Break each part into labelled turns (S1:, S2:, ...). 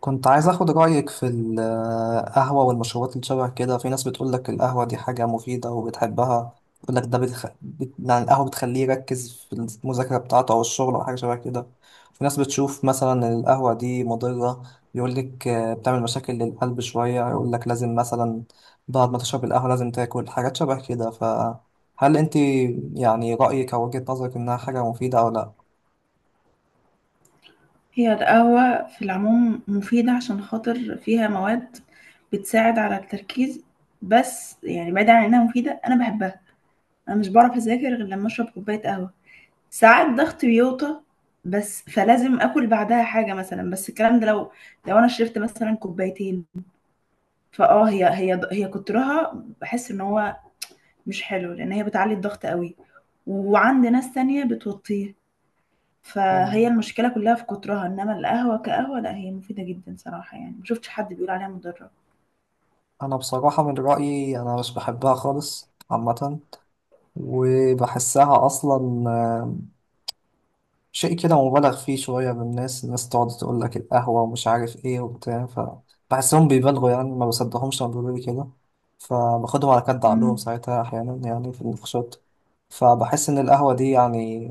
S1: كنت عايز اخد رأيك في القهوة والمشروبات اللي شبه كده. في ناس بتقول لك القهوة دي حاجة مفيدة وبتحبها، بتقول لك ده يعني القهوة بتخليه يركز في المذاكرة بتاعته او الشغل او حاجة شبه كده. في ناس بتشوف مثلا القهوة دي مضرة، يقول لك آه، بتعمل مشاكل للقلب شوية، يقول لك لازم مثلا بعد ما تشرب القهوة لازم تاكل حاجات شبه كده. فهل انت يعني رأيك او وجهة نظرك انها حاجة مفيدة او لا؟
S2: هي القهوة في العموم مفيدة عشان خاطر فيها مواد بتساعد على التركيز. بس يعني بعيد عن إنها مفيدة أنا بحبها، أنا مش بعرف أذاكر غير لما أشرب كوباية قهوة. ساعات ضغطي بيوطى بس فلازم آكل بعدها حاجة مثلا. بس الكلام ده لو أنا شربت مثلا كوبايتين فأه هي هي هي كترها بحس إن هو مش حلو لأن هي بتعلي الضغط قوي، وعند ناس تانية بتوطيه. فهي
S1: مم.
S2: المشكلة كلها في كترها، إنما القهوة كقهوة لأ هي مفيدة جدًا صراحة يعني، ما شُفتش حد بيقول عليها مُضرّة.
S1: انا بصراحة من رأيي انا مش بحبها خالص عامة، وبحسها أصلا شيء كده مبالغ فيه شوية بالناس. الناس تقعد تقول لك القهوة ومش عارف إيه وبتاع، فبحسهم بيبالغوا يعني ما بصدقهمش لما بيقولوا لي كده، فباخدهم على كد عقلهم
S2: إمم،
S1: ساعتها أحيانا يعني في النقاشات. فبحس إن القهوة دي يعني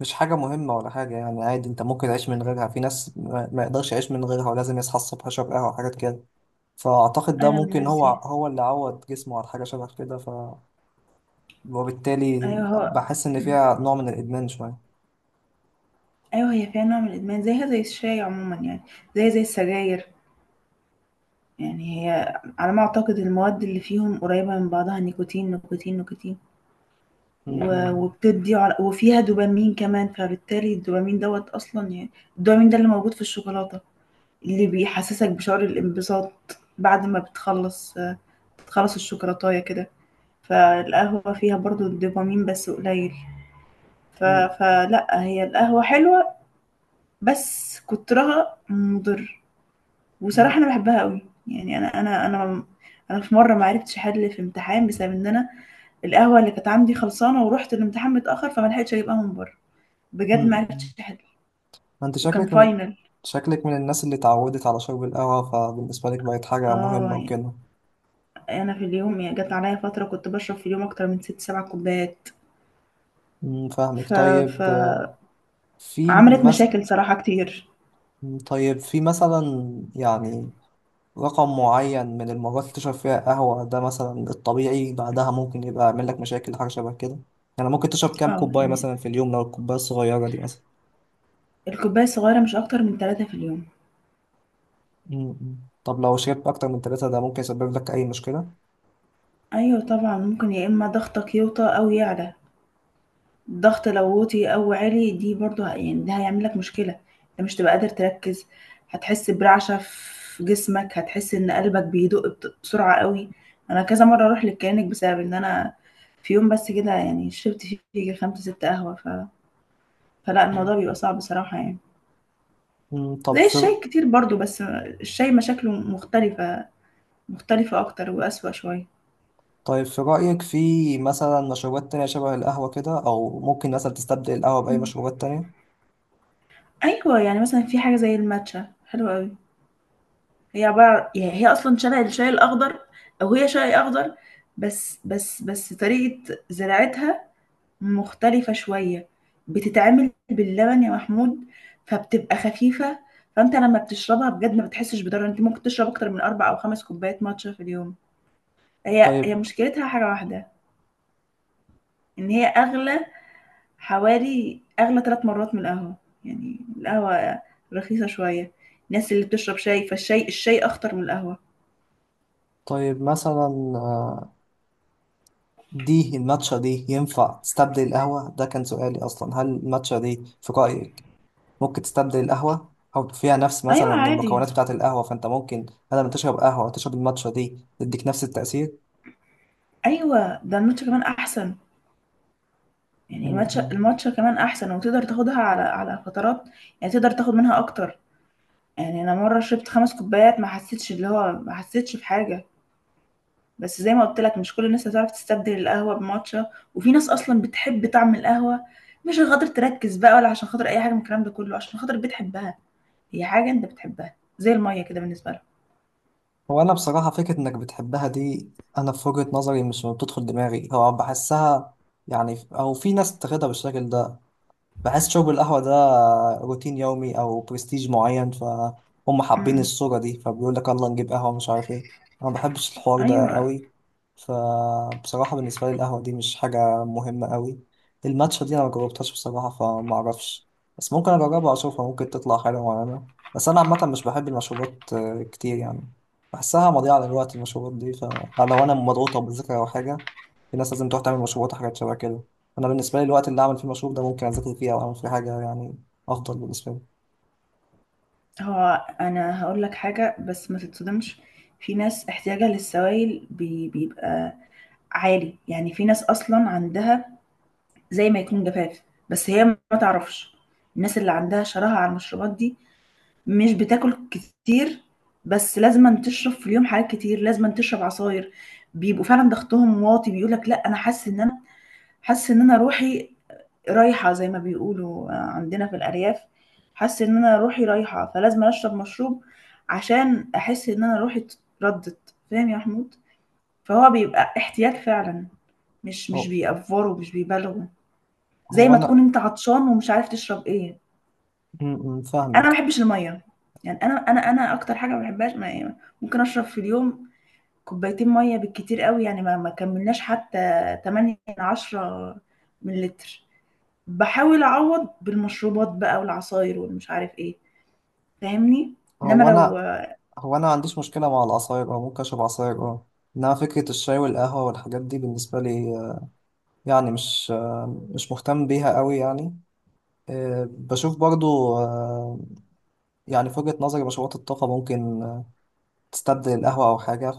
S1: مش حاجة مهمة ولا حاجة، يعني عادي، أنت ممكن تعيش من غيرها. في ناس ما يقدرش يعيش من غيرها ولازم يصحى الصبح يشرب قهوة وحاجات كده، فأعتقد ده
S2: أنا من
S1: ممكن
S2: الناس
S1: هو
S2: دي.
S1: هو اللي عود جسمه على حاجة شبه كده، وبالتالي
S2: أيوه هو.
S1: بحس إن
S2: إمم،
S1: فيها نوع من الإدمان شوية.
S2: أيوه هي فيها نوع من الإدمان زيها زي الشاي عمومًا يعني، زيها زي السجاير، يعني هي على ما أعتقد المواد اللي فيهم قريبة من بعضها نيكوتين، نيكوتين، نيكوتين.
S1: م-
S2: و
S1: م-
S2: وبتدّي عل وفيها دوبامين كمان، فبالتالي الدوبامين دوّة أصلًا يعني الدوبامين ده اللي موجود في الشوكولاتة، اللي بيحسّسك بشعور الانبساط بعد ما بتخلّص خلاص الشوكولاتاية كده. فالقهوة فيها برضو الدوبامين بس قليل. ف...
S1: م-
S2: فلا هي القهوة حلوة بس كترها مضر، وصراحة
S1: م-
S2: أنا بحبها قوي. يعني أنا أنا في مرة ما عرفتش أحل في امتحان بسبب إن أنا القهوة اللي كانت عندي خلصانة ورحت الامتحان متأخر فما لحقتش أجيبها من بره، بجد ما
S1: م-
S2: عرفتش أحل،
S1: ما أنت
S2: وكان
S1: شكلك من
S2: فاينل.
S1: شكلك من الناس اللي اتعودت على شرب القهوة، فبالنسبة لك بقت حاجة
S2: اه
S1: مهمة
S2: يعني
S1: وكده.
S2: أنا في اليوم يعني جت عليا فترة كنت بشرب في اليوم أكتر من ست سبع كوبايات.
S1: فاهمك.
S2: ف...
S1: طيب. آه، في
S2: فعملت
S1: مثلا
S2: مشاكل صراحة كتير.
S1: طيب في مثلا، يعني رقم معين من المرات اللي تشرب فيها قهوة ده مثلا الطبيعي، بعدها ممكن يبقى يعمل لك مشاكل حاجة شبه كده؟ يعني ممكن تشرب كام
S2: اه
S1: كوباية
S2: يعني
S1: مثلا في اليوم لو الكوباية الصغيرة دي مثلا؟
S2: الكوباية الصغيرة مش أكتر من ثلاثة في اليوم.
S1: مم. طب لو شربت أكتر من ثلاثة، ده ممكن يسبب لك أي مشكلة؟
S2: أيوة طبعا ممكن يا إما ضغطك يوطى أو يعلى، الضغط لو وطي أو عالي دي برضو يعني ده هيعملك مشكلة، انت مش تبقى قادر تركز، هتحس برعشة في جسمك، هتحس إن قلبك بيدق بسرعة قوي. أنا كذا مرة أروح للكلينيك بسبب إن أنا في يوم بس كده يعني شربت فيه يجي خمسة ستة قهوة. فلا
S1: مم.
S2: الموضوع بيبقى صعب بصراحة يعني،
S1: مم. طب
S2: زي
S1: في
S2: الشاي كتير برضو. بس الشاي مشاكله مختلفة، مختلفة أكتر وأسوأ شوية.
S1: طيب في رأيك في مثلا مشروبات تانية شبه القهوة كده، أو ممكن مثلا تستبدل القهوة بأي مشروبات تانية؟
S2: ايوه يعني مثلا في حاجه زي الماتشا حلوه قوي، هي عباره يعني هي اصلا شبه الشاي الاخضر، او هي شاي اخضر بس طريقه زراعتها مختلفه شويه، بتتعمل باللبن يا محمود فبتبقى خفيفه. فانت لما بتشربها بجد ما بتحسش بضرر، انت ممكن تشرب اكتر من اربع او خمس كوبايات ماتشا في اليوم. هي
S1: طيب.
S2: مشكلتها حاجه واحده، ان هي اغلى، حوالي أغلى ثلاث مرات من القهوة. يعني القهوة رخيصة شوية. الناس اللي بتشرب شاي فالشاي أخطر من القهوة.
S1: طيب مثلا آه، دي الماتشا دي ينفع تستبدل القهوة؟ ده كان سؤالي أصلا، هل الماتشا دي في رأيك ممكن تستبدل القهوة؟ أو فيها نفس مثلا
S2: ايوه عادي،
S1: المكونات بتاعة القهوة، فأنت ممكن بدل ما تشرب قهوة تشرب الماتشا دي تديك نفس التأثير؟
S2: أيوة ده الماتشا كمان أحسن، يعني الماتشا
S1: مم.
S2: الماتشا كمان أحسن وتقدر تاخدها على فترات، يعني تقدر تاخد منها أكتر. يعني أنا مرة شربت خمس كوبايات ما حسيتش اللي هو ما حسيتش بحاجة. بس زي ما قلت لك مش كل الناس هتعرف تستبدل القهوة بماتشا، وفي ناس أصلا بتحب طعم القهوة، مش عشان خاطر تركز بقى ولا عشان خاطر أي حاجة من الكلام ده كله، عشان خاطر بتحبها، هي حاجة أنت بتحبها زي المَيّة كده بالنسبة لهم.
S1: هو أنا بصراحة فكرة إنك بتحبها دي، أنا في وجهة نظري مش بتدخل دماغي، هو بحسها يعني، أو في ناس بتاخدها بالشكل ده، بحس شرب القهوة ده روتين يومي أو برستيج معين، فهم
S2: إمم،
S1: حابين
S2: إمم.
S1: الصورة دي، فبيقول لك يلا نجيب قهوة مش عارف ايه. أنا ما بحبش الحوار ده
S2: أيوه،
S1: قوي، فبصراحة بالنسبة لي القهوة دي مش حاجة مهمة قوي. الماتشا دي أنا ما جربتهاش بصراحة فما أعرفش، بس ممكن أجربها أشوفها، ممكن تطلع حلوة معانا. بس أنا عامة مش بحب المشروبات كتير يعني، بحسها مضيعة للوقت المشروبات دي، فلو أنا مضغوطة بذاكرة أو حاجة، الناس لازم تروح تعمل مشروبات وحاجات شبه كده. انا بالنسبه لي الوقت اللي اعمل فيه مشروب ده ممكن اذاكر فيه او اعمل فيه حاجه، يعني افضل بالنسبه لي.
S2: هو أنا هاقول لك حاجة بس ما تتصدمش، في ناس احتياجها للسوائل بيبقى عالي، يعني في ناس أصلًا عندها زي ما يكون جفاف، بس هي ما تعرفش. الناس اللي عندها شراهة على المشروبات دي مش بتاكل كتير، بس لازمًا تشرب في اليوم حاجات كتير، لازمًا تشرب عصاير، بيبقوا فعلًا ضغطهم واطي، بيقول لك لأ أنا حاسس إن أنا حاسة إن أنا روحي رايحة، زي ما بيقولوا عندنا في الأرياف، حاسة إن أنا روحي رايحة فلازم أشرب مشروب عشان أحس إن أنا روحي اتردت، فاهم يا محمود؟ فهو بيبقى احتياج فعلا، مش
S1: هو
S2: بيأفوروا، مش بيبالغوا، زي
S1: هو
S2: ما تكون
S1: انا
S2: انت عطشان ومش عارف تشرب ايه.
S1: م- م،
S2: انا ما
S1: فاهمك.
S2: بحبش الميه، يعني انا اكتر حاجه ما بحبهاش ما يعني ممكن اشرب في اليوم كوبايتين ميه بالكتير قوي، يعني ما كملناش حتى 8 من 10 مللتر، باحاول اعوّض بالمشروبات بقى والعصاير والمش عارف إيه، فاهمني؟ إنّما
S1: هو
S2: لو
S1: انا هو انا ما عنديش مشكله مع العصاير، او ممكن اشرب عصاير اه، انما فكره الشاي والقهوه والحاجات دي بالنسبه لي، يعني مش مهتم بيها قوي يعني، بشوف برضو يعني في وجهه نظري مشروبات الطاقه ممكن تستبدل القهوه او حاجه.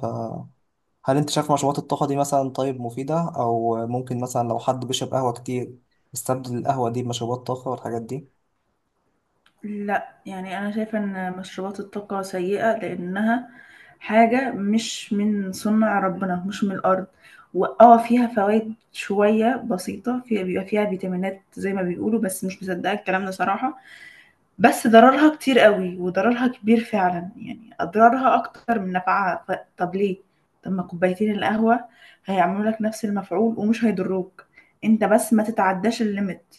S1: هل انت شايف مشروبات الطاقة دي مثلا، طيب، مفيدة، او ممكن مثلا لو حد بيشرب قهوة كتير يستبدل القهوة دي بمشروبات طاقة والحاجات دي؟
S2: لأ، يعني أنا شايفة إن مشروبات الطاقة سيئة لإنّها حاجة مش من صنع ربنا، مش من الأرض، وآه فيها فوايد شوية بسيطة، فيها بيبقى فيها فيتامينات زي ما بيقولوا، بس مش مصدّقة الكلام ده صراحة. بس ضررها كتير قوي وضررها كبير فعلا، يعني اضرارها اكتر من نفعها. طب ليه، طب ما كوبايتين القهوة هيعملوا لك نفس المفعول ومش هيضروك، انت بس ما تتعداش الليميت.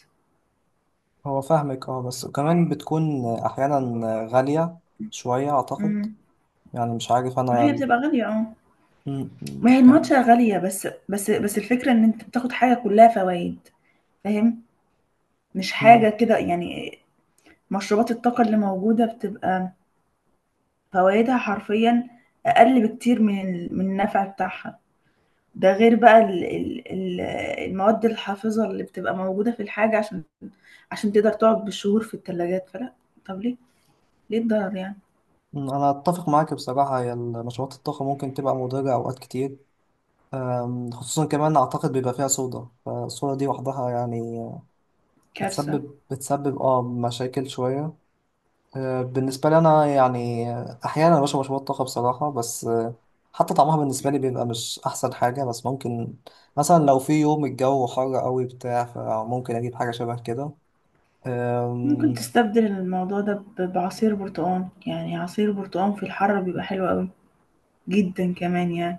S1: هو فاهمك اه، بس كمان بتكون احيانا غالية شوية اعتقد،
S2: امم،
S1: يعني مش عارف
S2: هي
S1: انا.
S2: بتبقى غالية اه،
S1: م- م-
S2: ما هي
S1: كان
S2: الماتشا غالية بس الفكرة ان انت بتاخد حاجة كلها فوائد، فاهم؟ مش
S1: م-
S2: حاجة كده يعني. مشروبات الطاقة اللي موجودة بتبقى فوائدها حرفيا اقل بكتير من النفع بتاعها، ده غير بقى ال المواد الحافظة اللي بتبقى موجودة في الحاجة عشان تقدر تقعد بالشهور في التلاجات. فلا، طب ليه، ليه الضرر يعني،
S1: انا اتفق معاك بصراحة، هي مشروبات الطاقة ممكن تبقى مضرة اوقات كتير، خصوصا كمان اعتقد بيبقى فيها صودا، فالصودا دي وحدها يعني
S2: كارثة.
S1: بتسبب مشاكل شوية. بالنسبة لي أنا يعني أحيانا بشرب مشروبات طاقة بصراحة، بس حتى طعمها بالنسبة لي بيبقى مش أحسن حاجة، بس ممكن مثلا لو في يوم الجو حر قوي بتاع فممكن أجيب حاجة شبه كده.
S2: ممكن
S1: أم،
S2: تستبدل الموضوع ده بعصير برتقال، يعني عصير برتقال في الحر بيبقى حلو قوي جدا كمان يعني،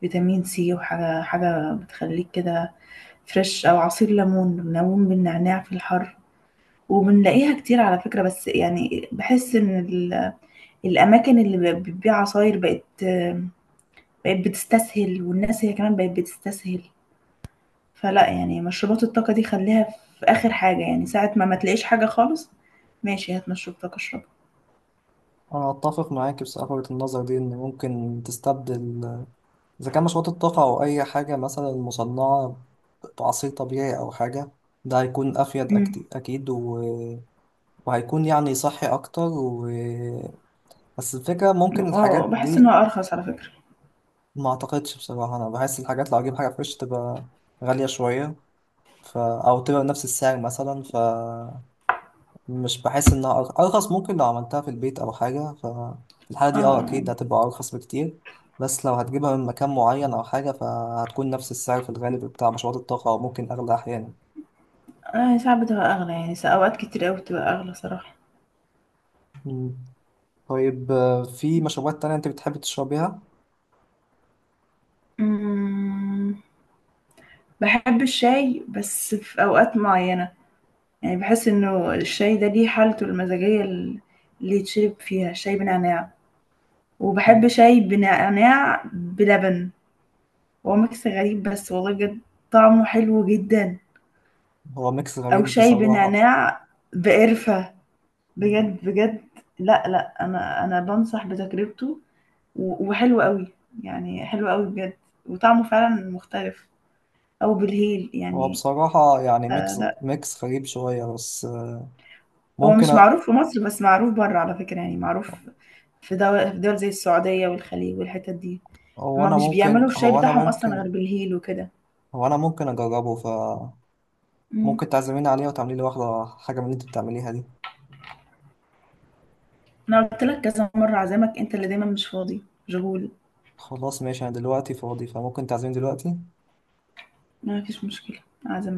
S2: فيتامين سي، وحاجة بتخليك كده فريش، أو عصير ليمون، ليمون بالنعناع في الحر، وبنلاقيها كتير على فكرة. بس يعني بحس إن الأماكن اللي بتبيع عصاير بقت بتستسهل، والناس هي كمان بقت بتستسهل. فلا يعني مشروبات الطاقة دي خليها في آخر حاجة، يعني ساعة ما تلاقيش حاجة خالص، ماشي هات مشروب طاقة اشربه.
S1: أنا أتفق معاك بصراحة وجهة النظر دي، إن ممكن تستبدل إذا كان مشروبات الطاقة أو أي حاجة مثلا مصنعة بعصير طبيعي أو حاجة، ده هيكون أفيد
S2: امم،
S1: أكيد، و... وهيكون يعني صحي أكتر. و... بس الفكرة ممكن
S2: اه
S1: الحاجات
S2: بحس ان هو
S1: دي
S2: ارخص على فكرة.
S1: ما اعتقدش بصراحة. انا بحس الحاجات لو اجيب حاجة فريش تبقى غالية شوية، ف... او تبقى بنفس السعر مثلا، ف مش بحس انها ارخص، ممكن لو عملتها في البيت او حاجة، ف في الحالة دي اه
S2: اه،
S1: اكيد هتبقى ارخص بكتير. بس لو هتجيبها من مكان معين او حاجة فهتكون نفس السعر في الغالب بتاع مشروبات الطاقة، او ممكن اغلى احيانا.
S2: اه ساعات بتبقى اغلى، يعني اوقات كتير قوي بتبقى اغلى صراحة.
S1: مم. طيب، في مشروبات تانية انت بتحب تشربيها؟
S2: امم، بحب الشاي بس في اوقات معينة، يعني بحس انه الشاي ده ليه حالته المزاجية اللي يتشرب فيها شاي بنعناع، وبحب
S1: مم.
S2: شاي بنعناع بلبن. هو ميكس غريب بس والله بجد طعمه حلو جدا،
S1: هو ميكس
S2: او
S1: غريب
S2: شاي
S1: بصراحة.
S2: بنعناع بقرفة،
S1: مم.
S2: بجد بجد، لا لا انا انا بنصح بتجربته، وحلو قوي، يعني حلو قوي بجد، وطعمه فعلا مختلف، او بالهيل
S1: هو
S2: يعني.
S1: بصراحة يعني
S2: آه،
S1: ميكس
S2: لا
S1: ميكس غريب شوية، بس
S2: هو
S1: ممكن.
S2: مش معروف في مصر بس معروف بره على فكرة، يعني معروف في دول, زي السعودية والخليج والحتت دي،
S1: هو
S2: هما
S1: انا
S2: مش بيعملوا
S1: ممكن
S2: الشاي
S1: هو انا
S2: بتاعهم اصلا غير
S1: ممكن
S2: بالهيل وكده.
S1: هو انا ممكن اجربه، ف
S2: مم.
S1: ممكن تعزميني عليه وتعملي لي واحده حاجه من اللي انت بتعمليها دي.
S2: انا قلت لك كذا مرة عزامك، انت اللي دايما مش فاضي، مشغول.
S1: خلاص، ماشي، انا دلوقتي فاضي، فممكن تعزميني دلوقتي.
S2: ما فيش مشكلة، أعزمك.